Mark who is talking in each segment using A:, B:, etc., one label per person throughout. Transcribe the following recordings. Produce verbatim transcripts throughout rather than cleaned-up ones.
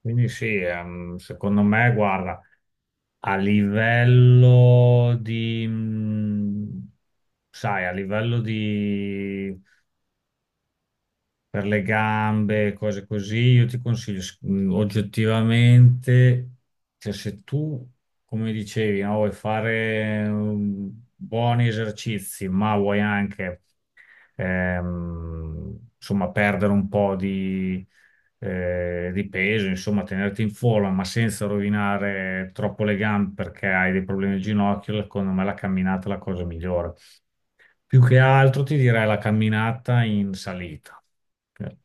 A: Quindi sì, ehm, secondo me, guarda, a livello di, mh, sai, a livello di, per le gambe, cose così, io ti consiglio, s- mh, oggettivamente, cioè se tu, come dicevi, no, vuoi fare um, buoni esercizi, ma vuoi anche ehm, insomma, perdere un po' di, eh, di peso, insomma, tenerti in forma, ma senza rovinare troppo le gambe perché hai dei problemi al ginocchio. Secondo me la camminata è la cosa migliore. Più che altro ti direi la camminata in salita.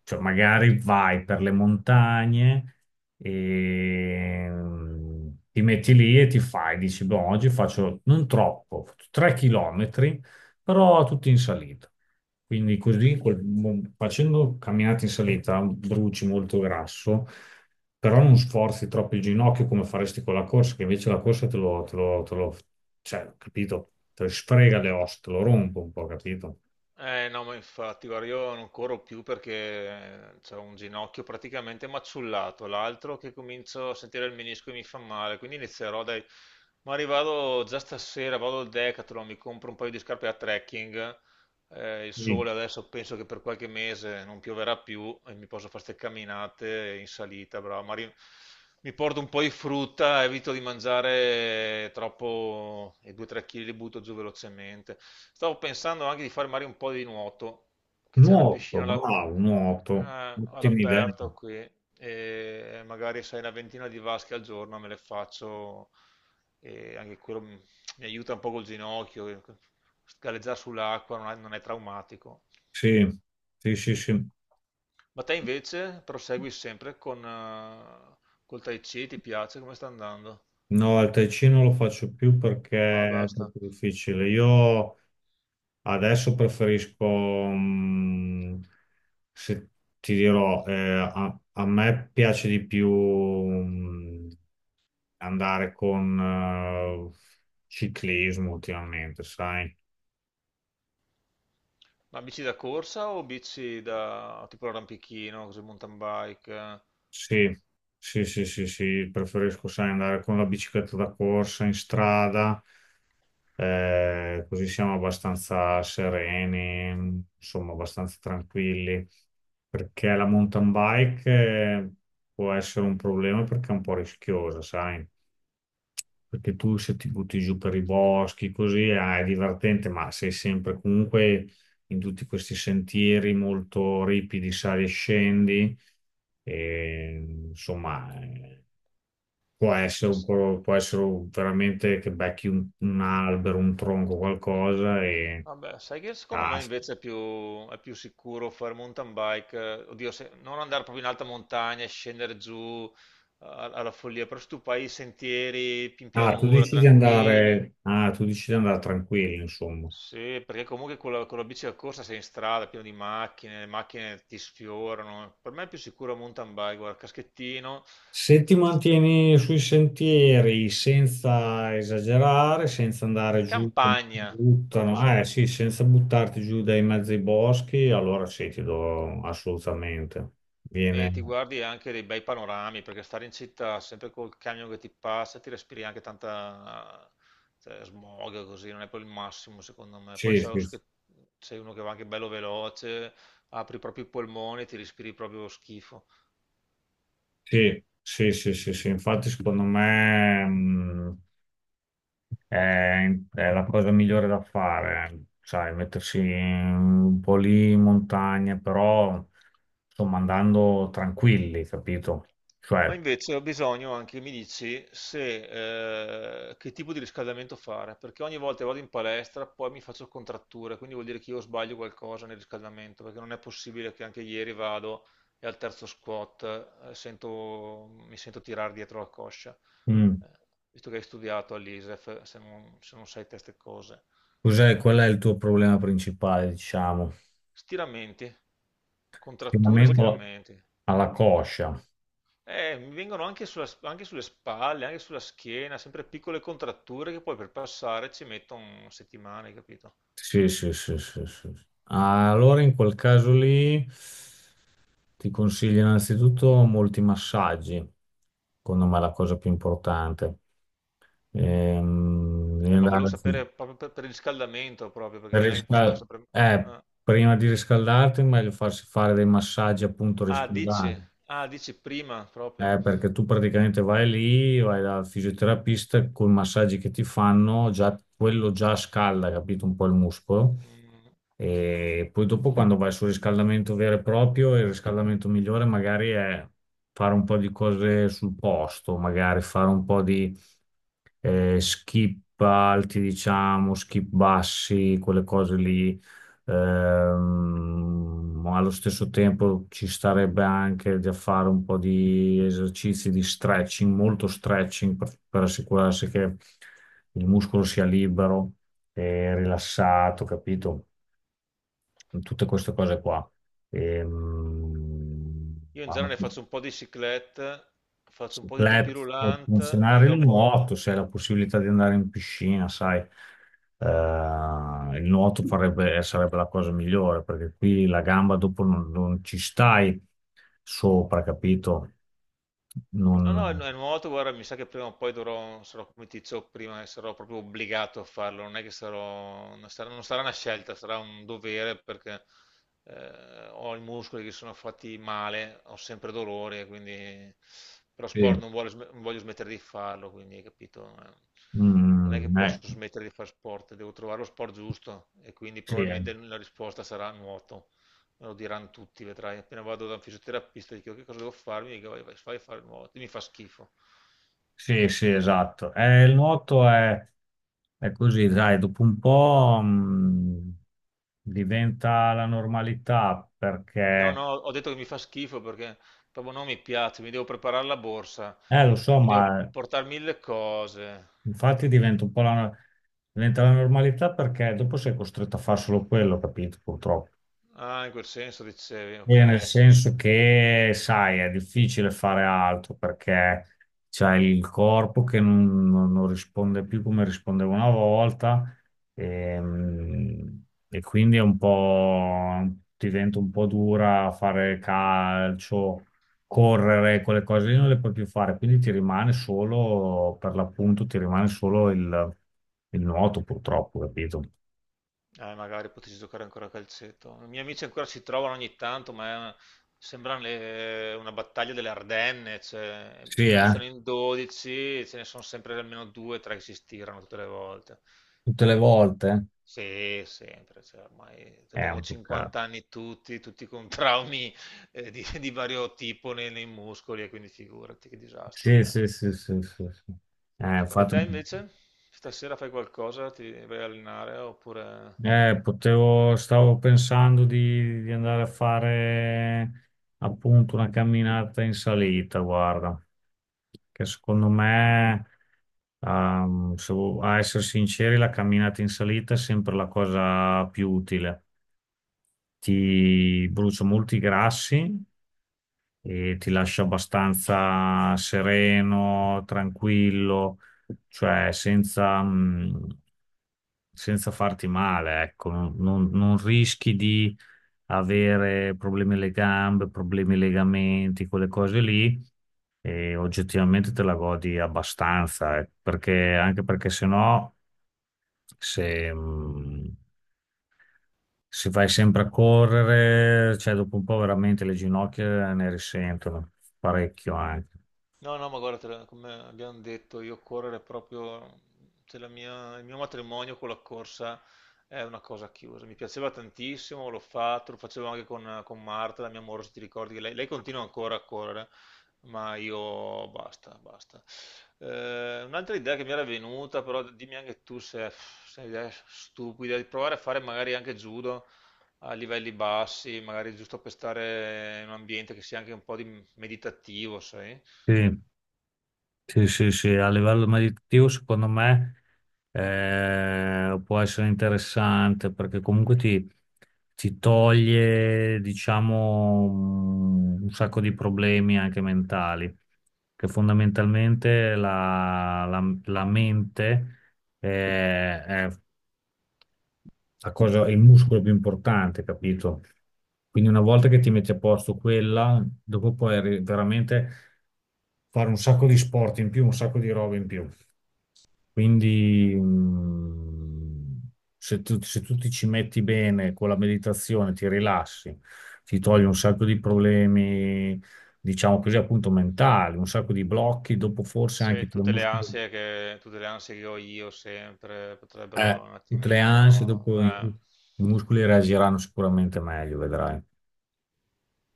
A: Cioè, magari vai per le montagne e mm, ti metti lì e ti fai, dici, boh, oggi faccio non troppo, tre chilometri, però tutti in salita. Quindi così, col- mo- facendo camminate in salita, bruci molto grasso, però non sforzi troppo il ginocchio come faresti con la corsa, che invece la corsa te lo, te lo, te lo- cioè, capito? Te lo sfrega le ossa, te lo rompe un po', capito?
B: Eh no, ma infatti, guarda, io non corro più perché ho un ginocchio praticamente maciullato, l'altro che comincio a sentire il menisco e mi fa male, quindi inizierò dai... Ma arrivado già stasera, vado al Decathlon, mi compro un paio di scarpe a trekking eh, Il
A: Sì.
B: sole adesso penso che per qualche mese non pioverà più e mi posso fare queste camminate in salita, bravo. Ma ri- mi porto un po' di frutta, evito di mangiare troppo e due tre chili li butto giù velocemente. Stavo pensando anche di fare magari un po' di nuoto, che c'è una piscina
A: Nuoto,
B: alla-
A: bravo, nuoto.
B: eh,
A: Ottima idea.
B: all'aperto qui e magari sai una ventina di vasche al giorno me le faccio e anche quello mi mi aiuta un po' col ginocchio. Galleggiare sull'acqua non è, non è traumatico.
A: Sì, sì, sì, sì.
B: Ma te invece prosegui sempre con eh, col Tai Chi, ti piace? Come sta andando?
A: No, al Tai non lo faccio più
B: Ah,
A: perché è
B: basta.
A: troppo difficile. Io adesso preferisco, mm, se ti dirò, eh, a, a me piace di più, mm, andare con, eh, ciclismo ultimamente, sai?
B: Ma bici da corsa o bici da tipo arrampichino, così mountain bike? Eh? Ma
A: Sì, sì, sì, sì, sì, preferisco, sai, andare con la bicicletta da corsa in strada, eh, così siamo abbastanza sereni, insomma, abbastanza tranquilli, perché la mountain bike eh, può essere un problema perché è un po' rischiosa, sai? Perché tu se ti butti giù per i boschi, così ah, è divertente, ma sei sempre comunque in tutti questi sentieri molto ripidi, sali e scendi, e, insomma, eh, può essere un
B: s-
A: po', può essere veramente che becchi un, un albero, un tronco, qualcosa e
B: Vabbè, sai che secondo me
A: caschi.
B: invece è più, è più sicuro fare mountain bike, eh, oddio, se- non andare proprio in alta montagna e scendere giù a- alla follia, però se tu fai i sentieri in
A: Ah, tu
B: pianura,
A: decidi di
B: tranquilli.
A: andare, ah, tu decidi di andare tranquillo, insomma.
B: Sì, perché comunque con la, con la bici da corsa sei in strada, pieno di macchine, le macchine ti sfiorano. Per me è più sicuro un mountain bike, guarda, caschettino,
A: Se ti mantieni sui sentieri senza esagerare, senza andare giù, come ti
B: campagna, proprio
A: buttano, ah, eh
B: sai.
A: sì, senza buttarti giù dai mezzi ai boschi, allora sì, ti do assolutamente.
B: E ti
A: Viene.
B: guardi anche dei bei panorami, perché stare in città sempre col camion che ti passa, ti respiri anche tanta, cioè, smog così, non è poi il massimo secondo me. Poi
A: Sì,
B: so
A: sì,
B: che sei uno che va anche bello veloce, apri proprio i polmoni, ti respiri proprio schifo.
A: sì, sì, sì, sì, sì. Infatti secondo me mh, è, è la cosa migliore da fare, sai, mettersi un po' lì in montagna, però insomma andando tranquilli, capito?
B: Ma
A: Cioè,
B: invece ho bisogno anche, mi dici, se, eh, che tipo di riscaldamento fare, perché ogni volta che vado in palestra poi mi faccio contratture, quindi vuol dire che io sbaglio qualcosa nel riscaldamento, perché non è possibile che anche ieri vado e al terzo squat eh, sento- mi sento tirare dietro la coscia,
A: mm.
B: Eh, Visto che hai studiato all'ISEF, se non, se non sai queste cose.
A: Cos'è, qual è il tuo problema principale, diciamo?
B: Stiramenti, contratture e
A: Stimamento
B: stiramenti.
A: alla coscia.
B: Eh, mi vengono anche, sulla- anche sulle spalle, anche sulla schiena, sempre piccole contratture che poi per passare ci mettono settimane, capito?
A: Sì, sì, sì, sì, sì. Allora, in quel caso lì, ti consiglio innanzitutto molti massaggi. Secondo me è la cosa più importante. Ehm, devi
B: Eh, ma volevo
A: andare sì.
B: sapere proprio per, per il riscaldamento, proprio, perché
A: Per
B: non è che posso far
A: riscal-
B: sempre...
A: eh,
B: Ah,
A: prima di riscaldarti, è meglio farsi fare dei massaggi appunto
B: ah, dici,
A: riscaldanti.
B: ah, dici prima, proprio.
A: Eh, perché tu praticamente vai lì, vai dal fisioterapista con i massaggi che ti fanno, già, quello già scalda, capito, un po' il muscolo.
B: Mm,
A: E poi dopo quando vai sul riscaldamento vero e proprio, il riscaldamento migliore magari è fare un po' di cose sul posto, magari fare un po' di eh, skip alti, diciamo, skip bassi, quelle cose lì. Ehm, allo stesso tempo ci starebbe anche da fare un po' di esercizi di stretching, molto stretching per, per assicurarsi che il muscolo sia libero e rilassato, capito? Tutte queste cose qua. Ehm,
B: Io in genere faccio un po' di cyclette, faccio un
A: se
B: po' di
A: club
B: tapis
A: può
B: roulant e
A: funzionare il
B: dopo...
A: nuoto, se hai la possibilità di andare in piscina, sai, eh, il nuoto farebbe- sarebbe la cosa migliore, perché qui la gamba dopo non, non ci stai sopra, capito?
B: No,
A: Non...
B: no, è è nuoto, guarda, mi sa che prima o poi dovrò, sarò come ti dicevo prima, e sarò proprio obbligato a farlo, non è che sarò, non sarà, non sarà una scelta, sarà un dovere perché eh, ho i muscoli che sono fatti male, ho sempre dolore, quindi però sport
A: Sì.
B: non vuole sm- non voglio smettere di farlo, quindi hai capito? Non è che
A: Mm, eh,
B: posso smettere di fare sport, devo trovare lo sport giusto e quindi
A: sì, eh.
B: probabilmente la risposta sarà nuoto. Me lo diranno tutti, vedrai. Appena vado da un fisioterapista e dico che cosa devo farmi, mi dico vai, vai, vai a fare il nuoto. Mi fa schifo.
A: Sì, sì, esatto. Eh, il nuoto è, è così, dai, dopo un po', mm, diventa la normalità,
B: No,
A: perché...
B: no, ho detto che mi fa schifo perché proprio non mi piace, mi devo preparare la borsa,
A: Eh, lo
B: eh,
A: so,
B: mi devo
A: ma
B: portare mille cose.
A: infatti diventa un po' la, diventa la normalità perché dopo sei costretto a fare solo quello, capito? Purtroppo.
B: Ah, in quel senso dicevi,
A: Bene, nel
B: ok. se-
A: senso che, sai, è difficile fare altro perché c'hai il corpo che non, non- non risponde più come rispondeva una volta ehm, e, quindi è un po', diventa un po' dura fare calcio, correre, quelle cose lì non le puoi più fare, quindi ti rimane solo, per l'appunto, ti rimane solo il, il nuoto purtroppo, capito?
B: Eh, magari potessi giocare ancora a calcetto. I miei amici ancora si trovano ogni tanto, ma è una- sembra le- una battaglia delle Ardenne. cioè,
A: Sì, eh?
B: iniziano in dodici, ce ne sono sempre almeno due o tre che si stirano tutte le volte.
A: Tutte le volte?
B: Sì, sempre, cioè, ormai
A: È
B: abbiamo
A: un peccato.
B: cinquanta anni tutti, tutti con traumi eh, di, di vario tipo nei, nei muscoli, e quindi figurati che disastro
A: Sì,
B: che è.
A: sì, sì, sì, sì, sì. Eh, ho
B: E
A: fatto...
B: te invece? Stasera fai qualcosa? Ti vai a allenare oppure...
A: eh, potevo, stavo pensando di, di andare a fare appunto una camminata in salita, guarda, che secondo me, ehm, se vo- a essere sinceri, la camminata in salita è sempre la cosa più utile. Ti brucia molti grassi e ti lascia abbastanza sereno, tranquillo, cioè senza, mm, senza farti male, ecco, non, non- non rischi di avere problemi alle gambe, problemi ai legamenti, quelle cose lì, e oggettivamente te la godi abbastanza, eh, perché, anche perché se no, se, mh, se vai sempre a correre, cioè dopo un po' veramente le ginocchia ne risentono parecchio anche.
B: No, no, ma guarda, te la- come abbiamo detto, io correre è proprio, cioè la mia- il mio matrimonio con la corsa è una cosa chiusa. Mi piaceva tantissimo, l'ho fatto, lo facevo anche con, con Marta, la mia amore, se ti ricordi, che lei, lei continua ancora a correre, ma io basta, basta. Eh, un'altra idea che mi era venuta, però dimmi anche tu se, se è un'idea stupida, di provare a fare magari anche judo a livelli bassi, magari giusto per stare in un ambiente che sia anche un po' di meditativo, sai?
A: Sì. Sì, sì, sì, a livello meditativo secondo me eh, può essere interessante perché comunque ti, ti toglie, diciamo, un sacco di problemi anche mentali, che fondamentalmente la, la- la mente eh, è la cosa, il muscolo più importante, capito? Quindi una volta che ti metti a posto quella, dopo puoi arri- veramente fare un sacco di sport in più, un sacco di robe in più. Quindi mm, se tu, se tu ti ci metti bene con la meditazione, ti rilassi, ti togli un sacco di problemi, diciamo così, appunto mentali, un sacco di blocchi, dopo forse anche
B: Se
A: i tuoi
B: tutte le
A: muscoli,
B: ansie che, tutte le ansie che ho io sempre potrebbero
A: eh,
B: un
A: tutte le ansie,
B: attimino...
A: dopo
B: eh.
A: i i muscoli reagiranno sicuramente meglio, vedrai.